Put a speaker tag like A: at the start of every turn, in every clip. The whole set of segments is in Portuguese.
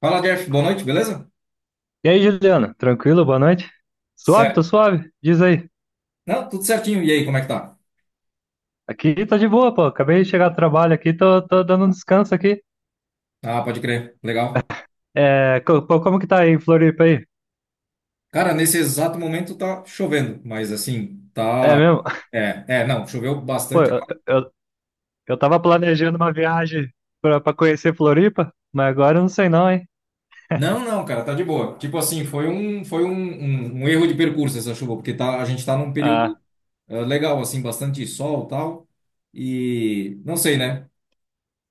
A: Fala, Jeff. Boa noite, beleza?
B: E aí, Juliana, tranquilo? Boa noite? Suave, tô
A: Certo.
B: suave? Diz aí.
A: Não, tudo certinho. E aí, como é que tá?
B: Aqui tá de boa, pô. Acabei de chegar do trabalho aqui, tô dando um descanso aqui.
A: Ah, pode crer. Legal.
B: É, pô, como que tá aí em Floripa aí?
A: Cara, nesse exato momento tá chovendo, mas assim,
B: É
A: tá.
B: mesmo?
A: É, é, não, choveu
B: Pô,
A: bastante agora.
B: eu tava planejando uma viagem pra conhecer Floripa, mas agora eu não sei não, hein?
A: Não, não, cara, tá de boa. Tipo assim, foi um erro de percurso essa chuva, porque tá, a gente tá num período
B: Ah,
A: legal, assim, bastante sol e tal. E não sei, né?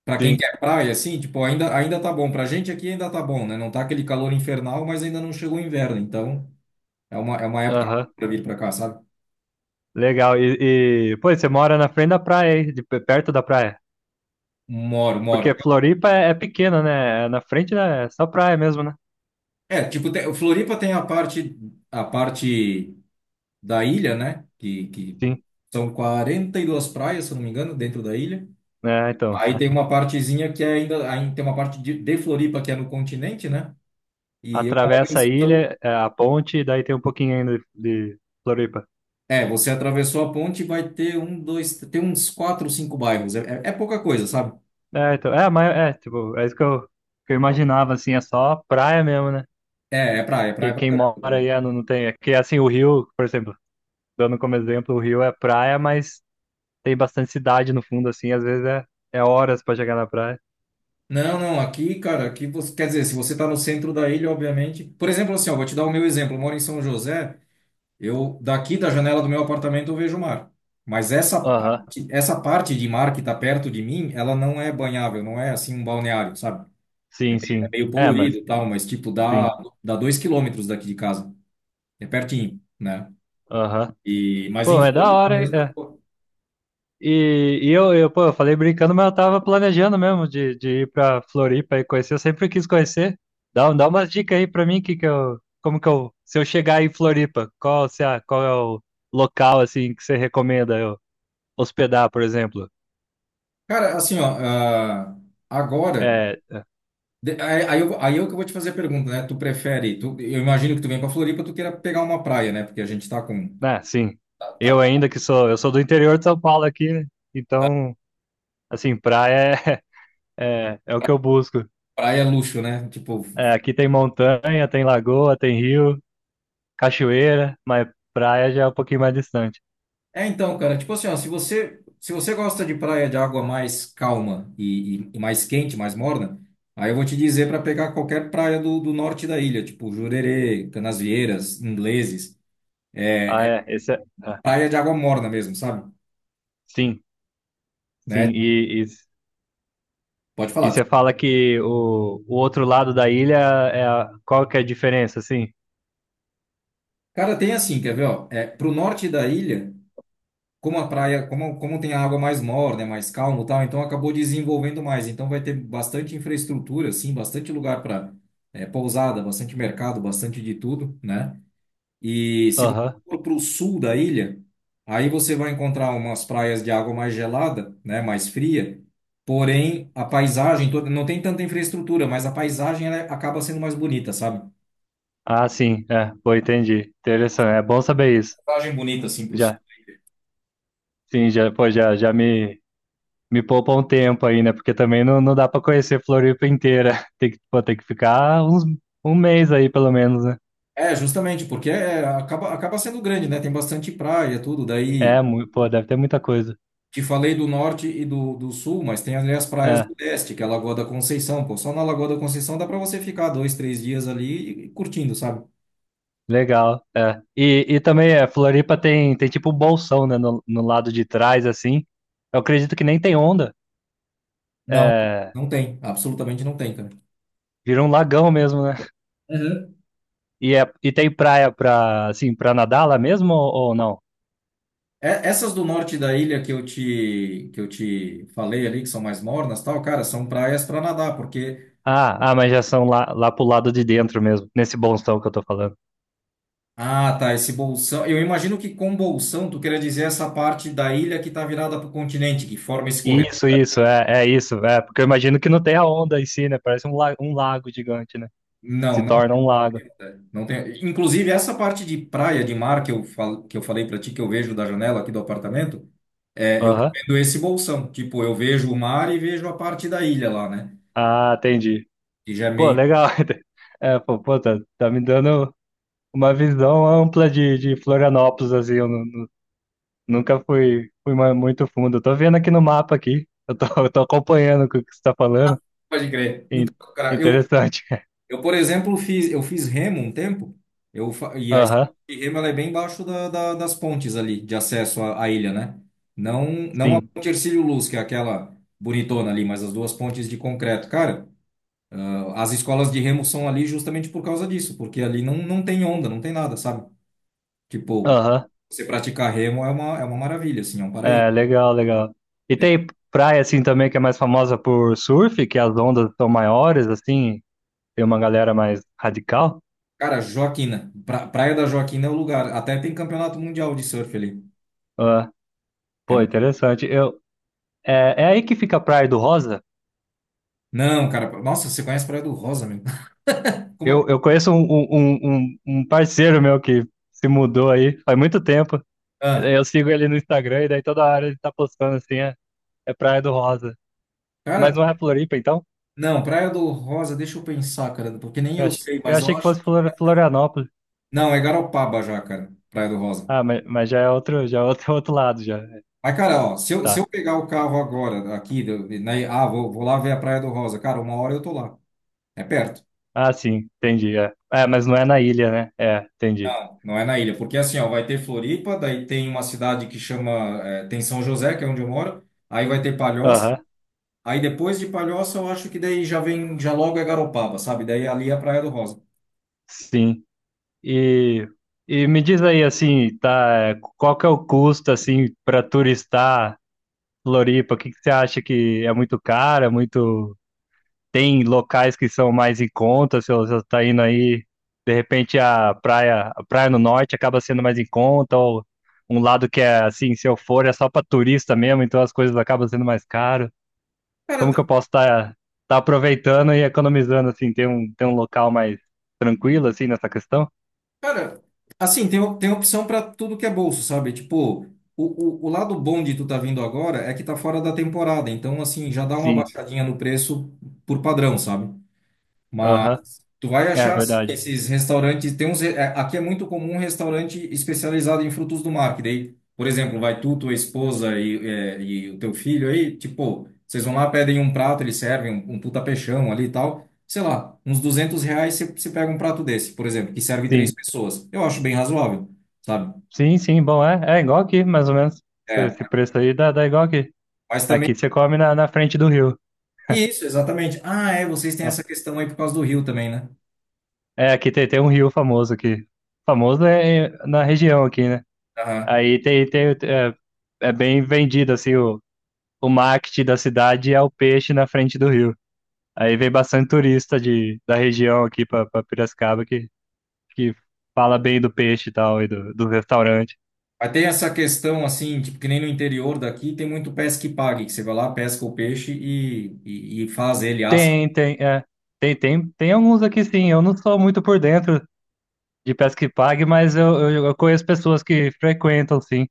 A: Pra quem
B: sim.
A: quer praia, assim, tipo, ainda tá bom. Pra gente aqui ainda tá bom, né? Não tá aquele calor infernal, mas ainda não chegou o inverno. Então, é uma época
B: Aham.
A: pra vir pra cá, sabe?
B: Legal. Pô, você mora na frente da praia aí, de, perto da praia.
A: Moro, moro.
B: Porque Floripa é, é pequena, né? É na frente, né? É só praia mesmo, né?
A: É, tipo, Floripa tem a parte da ilha, né? Que
B: Sim.
A: são 42 praias, se eu não me engano, dentro da ilha.
B: É, então.
A: Aí tem uma partezinha que é aí tem uma parte de Floripa que é no continente, né? E eu moro em
B: Atravessa a
A: São...
B: ilha, é, a ponte, e daí tem um pouquinho ainda de, Floripa.
A: É, você atravessou a ponte e vai ter um, dois, tem uns quatro, cinco bairros. É, é, é pouca coisa, sabe?
B: É, então, é, mas é, tipo, é isso que que eu imaginava, assim, é só praia mesmo, né?
A: É, é praia pra
B: Quem mora
A: caramba.
B: aí é, não, não tem. É que assim, o Rio, por exemplo, dando como exemplo, o Rio é praia, mas tem bastante cidade no fundo, assim, às vezes é, é horas pra chegar na praia.
A: Não, não, aqui, cara, aqui você, quer dizer, se você tá no centro da ilha, obviamente. Por exemplo, assim, ó, vou te dar o meu exemplo. Eu moro em São José. Eu daqui da janela do meu apartamento eu vejo o mar. Mas essa
B: Aham,
A: parte, essa parte de mar que está perto de mim, ela não é banhável, não é assim um balneário, sabe?
B: sim,
A: É
B: sim.
A: meio
B: É, mas,
A: poluído e tal, mas tipo dá
B: sim.
A: dá 2 km daqui de casa, é pertinho, né?
B: Aham.
A: E mas
B: Pô,
A: em
B: é da
A: Floripa
B: hora, hein?
A: mesmo é
B: É.
A: boa.
B: Eu, pô, eu falei brincando, mas eu tava planejando mesmo de ir pra Floripa e conhecer. Eu sempre quis conhecer. Dá umas dicas aí pra mim, que eu, como que eu, se eu chegar em Floripa, qual, se a, qual é o local, assim, que você recomenda eu hospedar, por exemplo?
A: Cara, assim ó, agora
B: É,
A: aí eu que vou te fazer a pergunta, né? Tu prefere? Tu, eu imagino que tu vem para Floripa, tu queira pegar uma praia, né? Porque a gente tá com
B: né, sim,
A: tá-
B: eu
A: tá-
B: ainda que sou, eu sou do interior de São Paulo aqui, né? Então, assim, praia é, é, é o que eu busco.
A: praia é luxo, né? Tipo
B: É, aqui tem montanha, tem lagoa, tem rio, cachoeira, mas praia já é um pouquinho mais distante.
A: é, então, cara, tipo assim, ó, se você gosta de praia de água mais calma e mais quente, mais morna, aí eu vou te dizer para pegar qualquer praia do norte da ilha, tipo Jurerê, Canasvieiras, Ingleses, é,
B: Ah,
A: é
B: é. Esse é... ah,
A: praia de água morna mesmo, sabe?
B: sim, sim.
A: Né? Pode
B: E
A: falar.
B: você fala que o outro lado da ilha é a... qual que é a diferença, assim?
A: Cara, tem assim, quer ver, ó, é, pro norte da ilha, como a praia, como tem a água mais morna, é mais calmo e tal, então acabou desenvolvendo mais, então vai ter bastante infraestrutura, assim, bastante lugar para pousada, bastante mercado, bastante de tudo, né? E se você
B: Aham.
A: for para o sul da ilha, aí você vai encontrar umas praias de água mais gelada, né, mais fria. Porém, a paisagem toda não tem tanta infraestrutura, mas a paisagem ela acaba sendo mais bonita, sabe?
B: Ah, sim. É, pô, entendi. Interessante. É bom saber isso.
A: Paisagem bonita assim para o sul.
B: Já, sim, já, pô, já, já me, me poupa um tempo aí, né? Porque também não, não dá pra conhecer Floripa inteira. Tem que, pô, tem que ficar uns, um mês aí, pelo menos, né?
A: É, justamente, porque é, acaba sendo grande, né? Tem bastante praia, tudo. Daí
B: É, pô, deve ter muita coisa.
A: te falei do norte e do sul, mas tem ali as praias
B: É.
A: do leste, que é a Lagoa da Conceição. Pô, só na Lagoa da Conceição dá para você ficar dois, três dias ali e curtindo, sabe?
B: Legal, é. E também é, Floripa tem, tem tipo um bolsão, né, no, no lado de trás, assim. Eu acredito que nem tem onda.
A: Não,
B: É,
A: não tem, absolutamente não tem, cara.
B: vira um lagão mesmo, né?
A: Uhum.
B: E, é, e tem praia pra, assim, pra nadar lá mesmo ou não?
A: Essas do norte da ilha que eu te, falei ali, que são mais mornas, tal, cara, são praias para nadar, porque.
B: Ah, ah, mas já são lá, lá pro lado de dentro mesmo, nesse bolsão que eu tô falando.
A: Ah, tá, esse bolsão. Eu imagino que com bolsão tu queria dizer essa parte da ilha que tá virada para o continente, que forma esse corredor.
B: Isso, é, é isso, é. Porque eu imagino que não tem a onda em si, né? Parece um, um lago gigante, né?
A: Não,
B: Se
A: não,
B: torna
A: tem.
B: um lago.
A: Né? Não tem. Inclusive, essa parte de praia, de mar que eu falei para ti, que eu vejo da janela aqui do apartamento, eu tô
B: Aham.
A: vendo esse bolsão. Tipo, eu vejo o mar e vejo a parte da ilha lá, né?
B: Ah, entendi.
A: Que já é
B: Pô,
A: meio.
B: legal. É, pô, pô, tá, tá me dando uma visão ampla de Florianópolis, assim, eu nunca fui, fui muito fundo. Eu tô vendo aqui no mapa aqui, eu tô, eu tô acompanhando o que você tá falando.
A: Pode crer.
B: In-
A: Então, cara, eu
B: Interessante.
A: Eu, por exemplo, eu fiz remo um tempo, e a escola
B: Aham,
A: de remo ela é bem embaixo das pontes ali, de acesso à ilha, né? Não, não a
B: sim.
A: ponte Hercílio Luz, que é aquela bonitona ali, mas as duas pontes de concreto. Cara, as escolas de remo são ali justamente por causa disso, porque ali não, não tem onda, não tem nada, sabe? Tipo,
B: Aham,
A: você praticar remo é uma maravilha, assim, é um paraíso.
B: é, legal, legal. E
A: Né?
B: tem praia, assim, também que é mais famosa por surf, que as ondas são maiores, assim, tem uma galera mais radical.
A: Cara, Joaquina, Praia da Joaquina é o lugar, até tem campeonato mundial de surf ali.
B: Ah,
A: É
B: pô,
A: mu-
B: interessante. Eu, é, é aí que fica a Praia do Rosa?
A: Não, cara, nossa, você conhece Praia do Rosa, meu?
B: Eu conheço um, um, um parceiro meu que se mudou aí faz muito tempo.
A: Ah,
B: Eu sigo ele no Instagram e daí toda hora ele tá postando assim, é, é Praia do Rosa. Mas
A: cara,
B: não é Floripa, então?
A: não, Praia do Rosa, deixa eu pensar, cara, porque nem
B: Eu,
A: eu
B: ach,
A: sei,
B: eu
A: mas
B: achei
A: eu
B: que
A: acho
B: fosse
A: que.
B: Florianópolis.
A: Não, é Garopaba já, cara, Praia do Rosa.
B: Ah, mas já é outro, outro lado, já.
A: Mas, cara, ó, se eu, se
B: Tá.
A: eu pegar o carro agora, aqui, né, vou lá ver a Praia do Rosa, cara, uma hora eu tô lá. É perto,
B: Ah, sim, entendi. É. É, mas não é na ilha, né? É, entendi.
A: não é na ilha, porque assim, ó, vai ter Floripa, daí tem uma cidade que chama, tem São José, que é onde eu moro, aí vai ter Palhoça,
B: Aham,
A: aí depois de Palhoça eu acho que daí já vem, já logo é Garopaba, sabe? Daí ali é a Praia do Rosa.
B: sim. E, e me diz aí, assim, tá, qual que é o custo, assim, para turistar? Floripa, o que que você acha que é muito cara? Muito. Tem locais que são mais em conta, se você está indo aí, de repente a praia no norte acaba sendo mais em conta, ou um lado que é assim, se eu for, é só para turista mesmo, então as coisas acabam sendo mais caro. Como que
A: Cara,
B: eu posso estar aproveitando e economizando, assim, ter um local mais tranquilo, assim, nessa questão?
A: Cara, assim, tem opção para tudo que é bolso, sabe? Tipo, o lado bom de tu tá vindo agora é que tá fora da temporada, então, assim, já dá uma
B: Sim,
A: baixadinha no preço por padrão, sabe?
B: aham,
A: Tu vai
B: é
A: achar assim,
B: verdade.
A: esses restaurantes, tem uns, aqui é muito comum um restaurante especializado em frutos do mar, que daí, por exemplo, vai tu, tua esposa e o teu filho aí, tipo, vocês vão lá, pedem um prato, eles servem um, puta peixão ali e tal, sei lá, uns R$ 200 você pega um prato desse, por exemplo, que serve três
B: Sim,
A: pessoas. Eu acho bem razoável, sabe?
B: sim, sim, bom, é, é igual aqui, mais ou menos.
A: É,
B: Esse preço aí dá, dá igual aqui.
A: mas também,
B: Aqui você come na, na frente do rio.
A: isso, exatamente. Ah, é, vocês têm
B: É,
A: essa questão aí por causa do rio também, né?
B: é, aqui tem, tem um rio famoso aqui. Famoso é é na região aqui, né?
A: Aham.
B: Aí tem, tem, é, é bem vendido, assim, o marketing da cidade é o peixe na frente do rio. Aí vem bastante turista de, da região aqui pra Piracicaba que fala bem do peixe e tal, e do, do restaurante.
A: Mas tem essa questão assim, tipo, que nem no interior daqui tem muito pesca e pague, que você vai lá, pesca o peixe e faz ele, assa.
B: Tem, tem, é. Tem alguns aqui sim. Eu não sou muito por dentro de pesca e pague, mas eu conheço pessoas que frequentam, sim,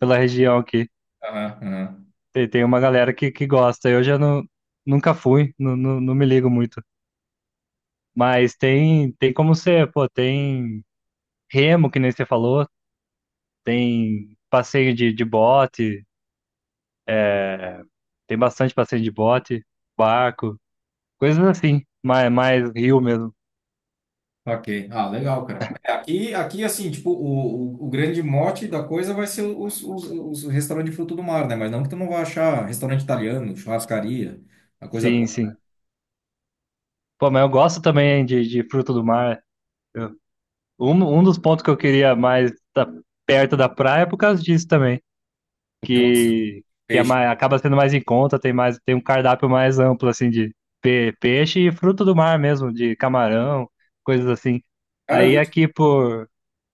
B: pela região aqui.
A: Aham, aham.
B: Tem, tem uma galera que gosta. Eu já não, nunca fui, não me ligo muito. Mas tem, tem como ser, pô, tem remo, que nem você falou, tem passeio de bote, tem bastante passeio de bote, barco, coisas assim, mais, mais rio mesmo.
A: Ok. Ah, legal, cara. É, aqui, assim, tipo, o grande mote da coisa vai ser os, restaurantes de fruto do mar, né? Mas não que tu não vai achar restaurante italiano, churrascaria, a coisa
B: Sim,
A: toda.
B: sim. Pô, mas eu gosto também de fruto do mar. Eu- um dos pontos que eu queria mais estar perto da praia é por causa disso também.
A: Porque gosta de
B: que, que é
A: peixe.
B: mais, acaba sendo mais em conta, tem mais, tem um cardápio mais amplo, assim, de peixe e fruto do mar mesmo, de camarão, coisas assim.
A: Cara,
B: Aí aqui,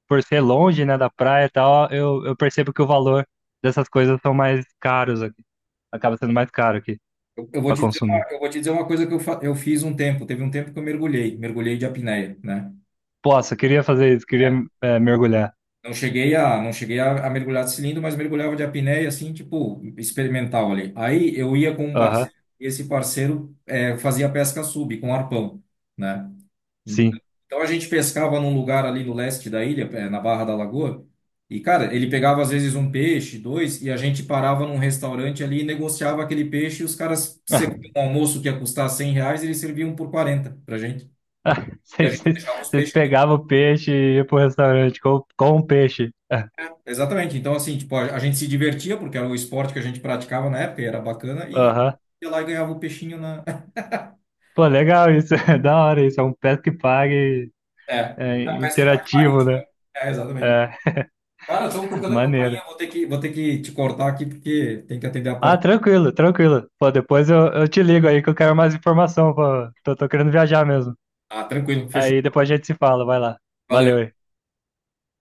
B: por ser longe, né, da praia e tal, eu percebo que o valor dessas coisas são mais caros aqui. Acaba sendo mais caro aqui
A: eu vou
B: para
A: te dizer
B: consumir.
A: uma coisa que eu, eu fiz um tempo. Teve um tempo que eu mergulhei, de apneia, né?
B: Posso, queria fazer isso, queria é, mergulhar.
A: Não cheguei a mergulhar de cilindro, mas mergulhava de apneia, assim, tipo, experimental ali. Aí eu ia com um
B: Aham,
A: parceiro, e esse parceiro fazia pesca sub, com arpão, né? Então,
B: sim.
A: a gente pescava num lugar ali no leste da ilha, na Barra da Lagoa, e, cara, ele pegava às vezes um peixe, dois, e a gente parava num restaurante ali e negociava aquele peixe, e os caras serviam um almoço que ia custar R$ 100, eles serviam por 40 pra gente. E a
B: Vocês
A: gente deixava os
B: vocês
A: peixes ali.
B: pegavam o peixe e iam pro restaurante com o peixe.
A: Exatamente. Então, assim, tipo, a gente se divertia, porque era o esporte que a gente praticava na época, e era bacana, e
B: Aham.
A: ia lá e ganhava o peixinho na.
B: Pô, legal isso, é da hora isso, é um Pesca e Pague
A: É,
B: é,
A: um pesca e pague
B: interativo,
A: marítimo.
B: né?
A: É, exatamente.
B: É,
A: Cara, estão tocando a
B: maneiro.
A: campainha, vou ter que te cortar aqui, porque tem que atender a
B: Ah,
A: porta.
B: tranquilo, tranquilo. Pô, depois eu te ligo aí que eu quero mais informação, pô. Tô querendo viajar mesmo.
A: Ah, tranquilo, fechou.
B: Aí depois a gente se fala, vai lá. Valeu
A: Valeu.
B: aí.